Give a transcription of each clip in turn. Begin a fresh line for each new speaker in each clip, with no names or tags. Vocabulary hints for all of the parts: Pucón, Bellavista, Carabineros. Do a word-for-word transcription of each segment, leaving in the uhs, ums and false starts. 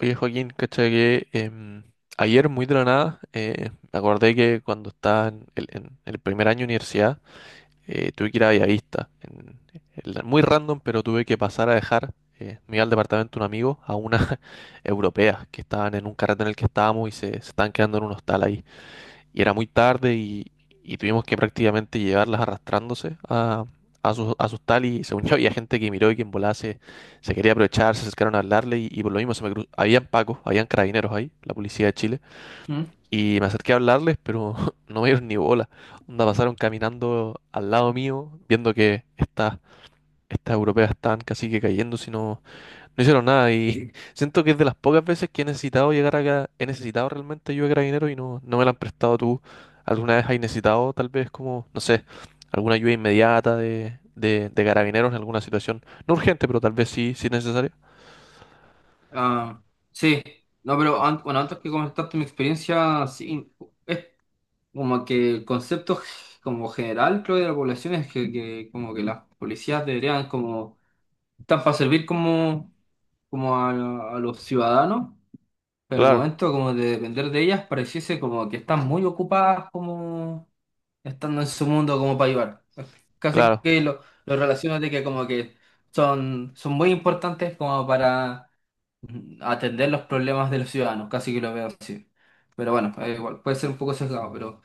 Oye, Joaquín, caché que em, ayer muy de la nada eh, me acordé que cuando estaba en el, en el primer año de universidad, eh, tuve que ir a Bellavista. En- el- muy random, pero tuve que pasar a dejar, eh, me iba al departamento de un amigo, a una europea que estaban en un carrete en el que estábamos y se, se estaban quedando en un hostal ahí y era muy tarde y, y tuvimos que prácticamente llevarlas arrastrándose a, a sus, a sus tal y según yo había gente que miró y que en volada se, se quería aprovechar, se acercaron a hablarle y, y por lo mismo se me cruzó. Habían pacos, habían carabineros ahí, la policía de Chile,
Mm.
y me acerqué a hablarles, pero no me dieron ni bola. Onda pasaron caminando al lado mío, viendo que estas estas europeas estaban casi que cayendo, si no, no hicieron nada y siento que es de las pocas veces que he necesitado llegar acá, he necesitado realmente ayuda de Carabineros y no, no me la han prestado tú. ¿Alguna vez has necesitado tal vez como, no sé, alguna ayuda inmediata de, de, de Carabineros en alguna situación? No urgente, pero tal vez sí, sí necesaria.
Ah, sí, no, pero an- bueno, antes que comentaste mi experiencia, sí, es como que el concepto g- como general, creo, de la población es que, que como que las policías deberían como, están para servir como, como a, a los ciudadanos, pero el
Claro,
momento como de depender de ellas pareciese como que están muy ocupadas como estando en su mundo como para ayudar. Casi
claro,
que lo, lo relaciono de que como que son, son muy importantes como para atender los problemas de los ciudadanos, casi que lo veo así. Pero bueno, eh, igual, puede ser un poco sesgado, pero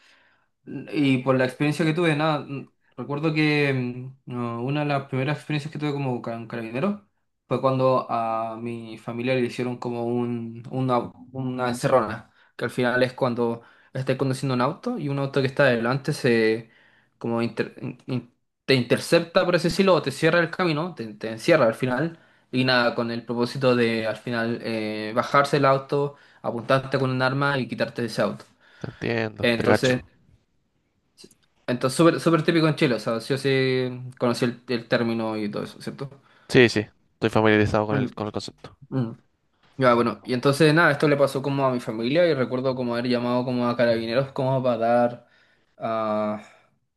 y por la experiencia que tuve, nada, mm, recuerdo que mm, no, una de las primeras experiencias que tuve como ca- carabinero fue cuando a mi familia le hicieron como un, una, una encerrona, que al final es cuando estás conduciendo un auto y un auto que está adelante se como inter- in- in- te intercepta, por así decirlo, o te cierra el camino, te, te encierra al final, y nada, con el propósito de al final eh, bajarse el auto, apuntarte con un arma y quitarte ese auto.
te entiendo, te
Entonces,
cacho.
entonces, súper súper típico en Chile, o sea, sí o sí conocí el, el término y todo eso, ¿cierto?
Sí, sí, estoy familiarizado con
Mm,
el, con el concepto.
mm. Ya, bueno, y entonces nada, esto le pasó como a mi familia y recuerdo como haber llamado como a carabineros como para dar, ah,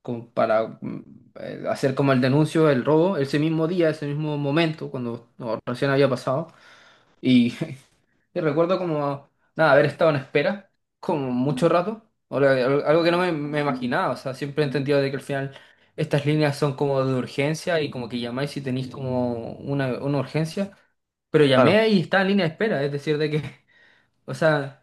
como para mm, eh, hacer como el denuncio del robo ese mismo día, ese mismo momento, cuando no, recién había pasado. Y y recuerdo como, nada, haber estado en espera como mucho rato, o la- al- algo que no me, me imaginaba, o sea, siempre he entendido de que al final estas líneas son como de urgencia y como que llamáis si tenéis como una, una urgencia, pero
Claro,
llamé y estaba en línea de espera, es decir, de que, o sea,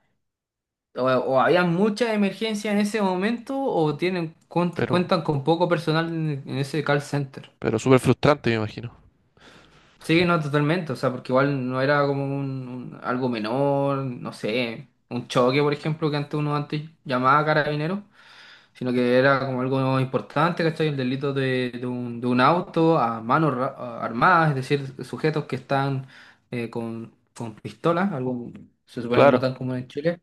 o, o había mucha emergencia en ese momento o tienen cuent-
pero,
cuentan con poco personal en en ese call center.
pero súper frustrante, me imagino.
Sí, no, totalmente, o sea, porque igual no era como un, un- algo menor, no sé, un choque, por ejemplo, que antes uno antes llamaba carabinero, sino que era como algo importante, ¿cachai? El delito de, de un, de un auto a manos ra- a- armadas, es decir, sujetos que están eh, con, con pistolas, algo se supone que no
Claro,
tan común en Chile,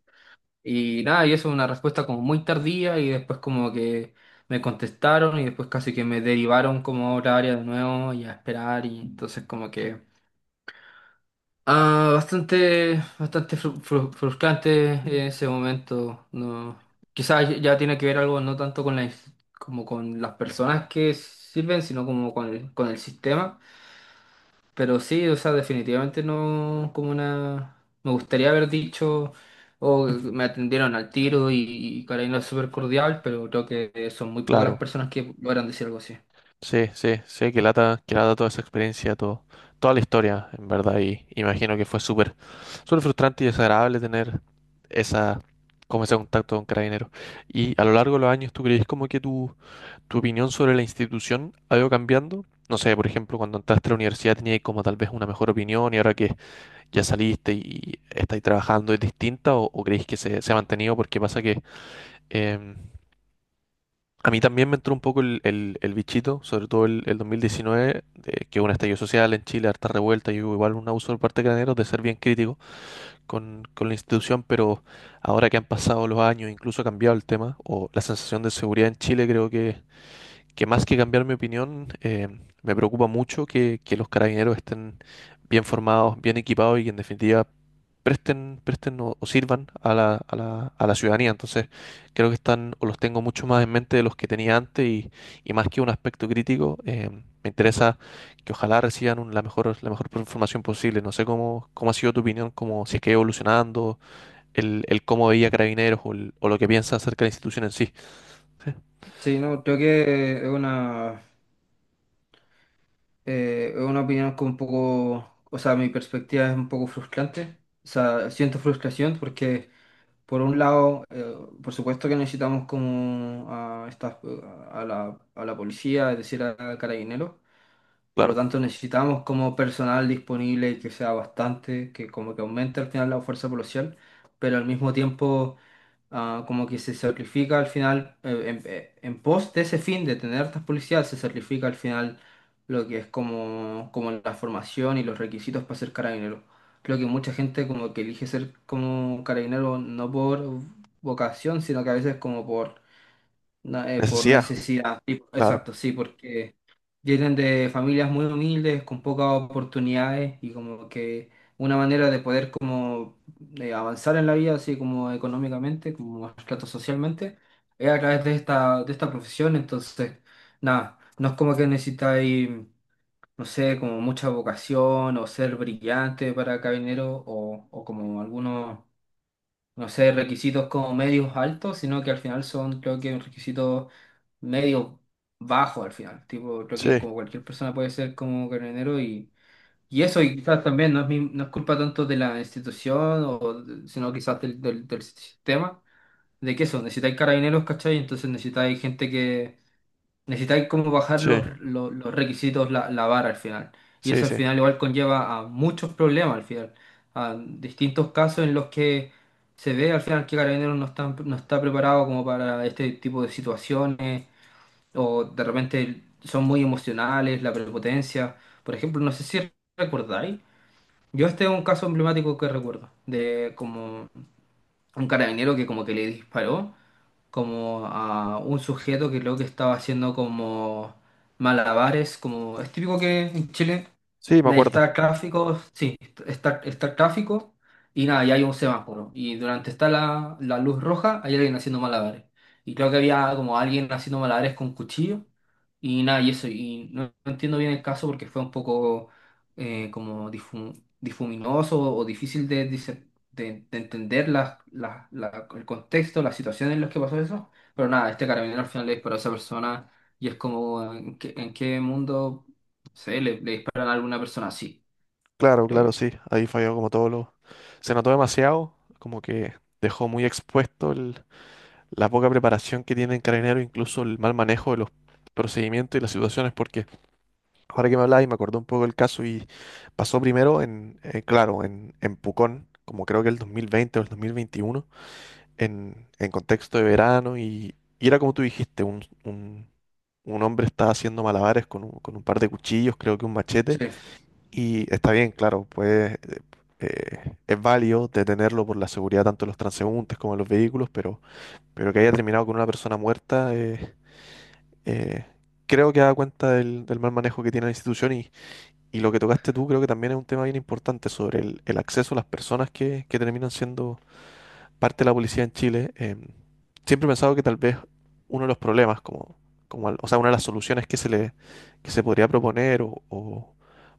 y nada, y eso es una respuesta como muy tardía y después como que me contestaron y después casi que me derivaron como a otra área de nuevo y a esperar y entonces como que... Ah, bastante, bastante fru- fru- frustrante en ese momento. No, quizás ya tiene que ver algo no tanto con la ins- como con las personas que sirven, sino como con el, con el sistema. Pero sí, o sea, definitivamente no como una. Me gustaría haber dicho o me atendieron al tiro y, y Karina es súper cordial, pero creo que son muy pocas las
claro.
personas que logran decir algo así.
Sí, sí, sí, que lata, que lata toda esa experiencia, todo, toda la historia, en verdad, y imagino que fue súper suele frustrante y desagradable tener esa, como ese contacto con Carabineros. Y a lo largo de los años, ¿tú crees como que tu, tu opinión sobre la institución ha ido cambiando? No sé, por ejemplo, cuando entraste a la universidad tenías como tal vez una mejor opinión y ahora que ya saliste y estáis trabajando es distinta o, o creéis que se, se ha mantenido porque pasa que em, a mí también me entró un poco el, el- el bichito, sobre todo el, el dos mil diecinueve, de que hubo un estallido social en Chile, harta revuelta y hubo igual un abuso por parte de Carabineros de ser bien crítico con, con la institución, pero ahora que han pasado los años, incluso ha cambiado el tema, o la sensación de seguridad en Chile creo que que más que cambiar mi opinión, eh, me preocupa mucho que, que los carabineros estén bien formados, bien equipados y que en definitiva presten, presten o, o sirvan a la, a la, a la ciudadanía. Entonces, creo que están o los tengo mucho más en mente de los que tenía antes y, y más que un aspecto crítico, eh, me interesa que ojalá reciban un- la mejor, la mejor información posible. No sé cómo, cómo ha sido tu opinión, como si es que ha ido evolucionando, el, el cómo veía carabineros o, el- o lo que piensa acerca de la institución en sí. Sí,
Sí, no, creo que es una Eh, es una opinión que un poco, o sea, mi perspectiva es un poco frustrante. O sea, siento frustración porque, por un lado, eh, por supuesto que necesitamos como a, estas- a la, a la policía, es decir, a carabineros, por lo
claro,
tanto, necesitamos como personal disponible que sea bastante, que como que aumente al final la fuerza policial, pero al mismo tiempo ah, como que se sacrifica al final, eh, en, eh, en pos de ese fin de tener estas policías, se sacrifica al final lo que es como, como la formación y los requisitos para ser carabinero. Creo que mucha gente como que elige ser como carabinero no por vocación, sino que a veces como por no, eh, por
necesidad,
necesidad, sí,
claro.
exacto, sí, porque vienen de familias muy humildes, con pocas oportunidades y como que una manera de poder como eh, avanzar en la vida, así como económicamente, como trato socialmente, es a través de esta, de esta profesión, entonces, nada, no es como que necesitáis, no sé, como mucha vocación o ser brillante para carabinero o, o como algunos no sé, requisitos como medios altos, sino que al final son, creo que, requisitos medios bajos al final. Tipo, creo que
Sí.
como cualquier persona puede ser como carabinero y, y eso, y quizás también no es, mi- no es culpa tanto de la institución, o, de- sino quizás del, del, del sistema, de que eso, necesitáis carabineros, ¿cachai? Entonces necesitáis gente. Necesitáis como bajar
Sí,
los, los- los requisitos, la, la vara al final. Y
sí,
eso al
sí.
final igual conlleva a muchos problemas al final. A distintos casos en los que se ve al final que Carabineros no está, no está preparado como para este tipo de situaciones. O de repente son muy emocionales, la prepotencia. Por ejemplo, no sé si recordáis. Yo este es un caso emblemático que recuerdo. De como un carabinero que como que le disparó como a un sujeto que creo que estaba haciendo como malabares, como es típico que en Chile
Sí, me
de estar
acuerdo.
gráfico, sí, estar, estar gráfico y nada, y hay un semáforo. Y durante está la, la luz roja, hay alguien haciendo malabares. Y creo que había como alguien haciendo malabares con cuchillo y nada, y eso. Y no, no entiendo bien el caso porque fue un poco eh, como difu- difuminoso o difícil de, dice- de, de entender las- las- la- el contexto, las situaciones en las que pasó eso. Pero nada, este carabinero al final le disparó a esa persona y es como, ¿en qué, en qué mundo? Sí, le, le disparan a alguna persona, sí,
Claro,
creo
claro,
yo.
sí. Ahí falló como todo lo… Se notó demasiado, como que dejó muy expuesto el- la poca preparación que tiene en Carabineros, incluso el mal manejo de los procedimientos y las situaciones, porque ahora que me habláis me acordé un poco del caso y pasó primero en, eh, claro, en, en Pucón, como creo que el dos mil veinte o el dos mil veintiuno, en, en contexto de verano y, y era como tú dijiste, un, un, un hombre estaba haciendo malabares con un, con un par de cuchillos, creo que un
Sí,
machete. Y está bien, claro, pues eh, eh, es válido detenerlo por la seguridad tanto de los transeúntes como de los vehículos, pero, pero que haya terminado con una persona muerta, eh, eh, creo que da cuenta del, del mal manejo que tiene la institución y, y lo que tocaste tú creo que también es un tema bien importante sobre el, el acceso a las personas que, que terminan siendo parte de la policía en Chile, eh, siempre he pensado que tal vez uno de los problemas, como, como al- o sea, una de las soluciones que se le, que se podría proponer, o, o-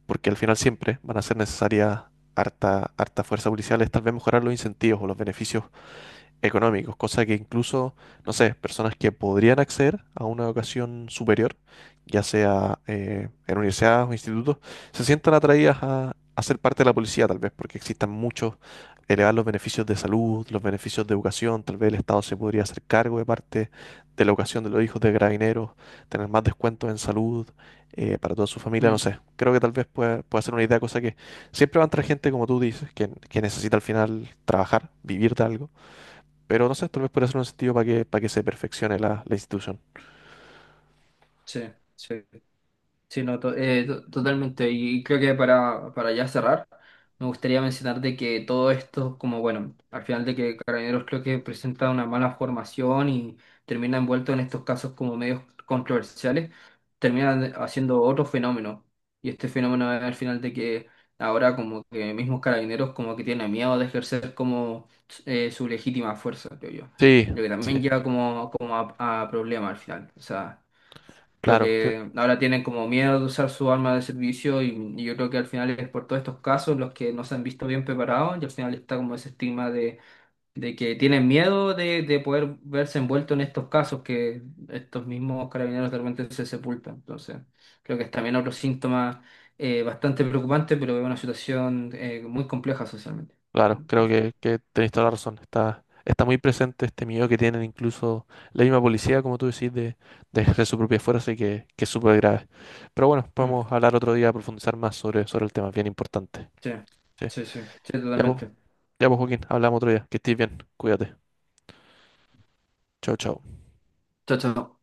porque al final siempre van a ser necesarias harta, harta fuerza policial, es tal vez mejorar los incentivos o los beneficios económicos, cosa que incluso, no sé, personas que podrían acceder a una educación superior, ya sea eh, en universidades o institutos, se sientan atraídas a, a ser parte de la policía, tal vez, porque existan muchos, elevar los beneficios de salud, los beneficios de educación, tal vez el Estado se podría hacer cargo de parte de la educación de los hijos de carabineros, tener más descuentos en salud eh, para toda su familia, no
mm,
sé, creo que tal vez pueda, pueda ser una idea, cosa que siempre va a entrar gente, como tú dices, que, que necesita al final trabajar, vivir de algo, pero no sé, tal vez puede ser un sentido para que, para que se perfeccione la, la institución.
sí, sí. Sí, no, to- eh, to- totalmente. Y creo que para, para ya cerrar, me gustaría mencionar de que todo esto, como bueno, al final de que Carabineros creo que presenta una mala formación y termina envuelto en estos casos como medios controversiales, termina de- haciendo otro fenómeno. Y este fenómeno es al final de que ahora como que mismos Carabineros como que tienen miedo de ejercer como eh, su legítima fuerza, creo yo.
Sí,
Lo que también
sí,
lleva como, como a, a problemas al final. O sea. Creo
claro, cre-
que ahora tienen como miedo de usar su arma de servicio y, y yo creo que al final es por todos estos casos los que no se han visto bien preparados y al final está como ese estigma de, de que tienen miedo de, de poder verse envuelto en estos casos que estos mismos carabineros de repente se sepultan. Entonces, creo que es también otro síntoma eh, bastante preocupante, pero es una situación eh, muy compleja socialmente.
claro,
Sí,
creo que, que tenéis toda la razón. Está, está muy presente este miedo que tienen incluso la misma policía, como tú decís, de, de ejercer su propia fuerza y que, que es súper grave. Pero bueno,
mm,
podemos hablar otro día, profundizar más sobre, sobre el tema, es bien importante.
sí,
Sí.
sí, sí, sí,
Ya pues,
totalmente.
ya pues, Joaquín, hablamos otro día. Que estés bien, cuídate. Chao, chao.
Chao, chao.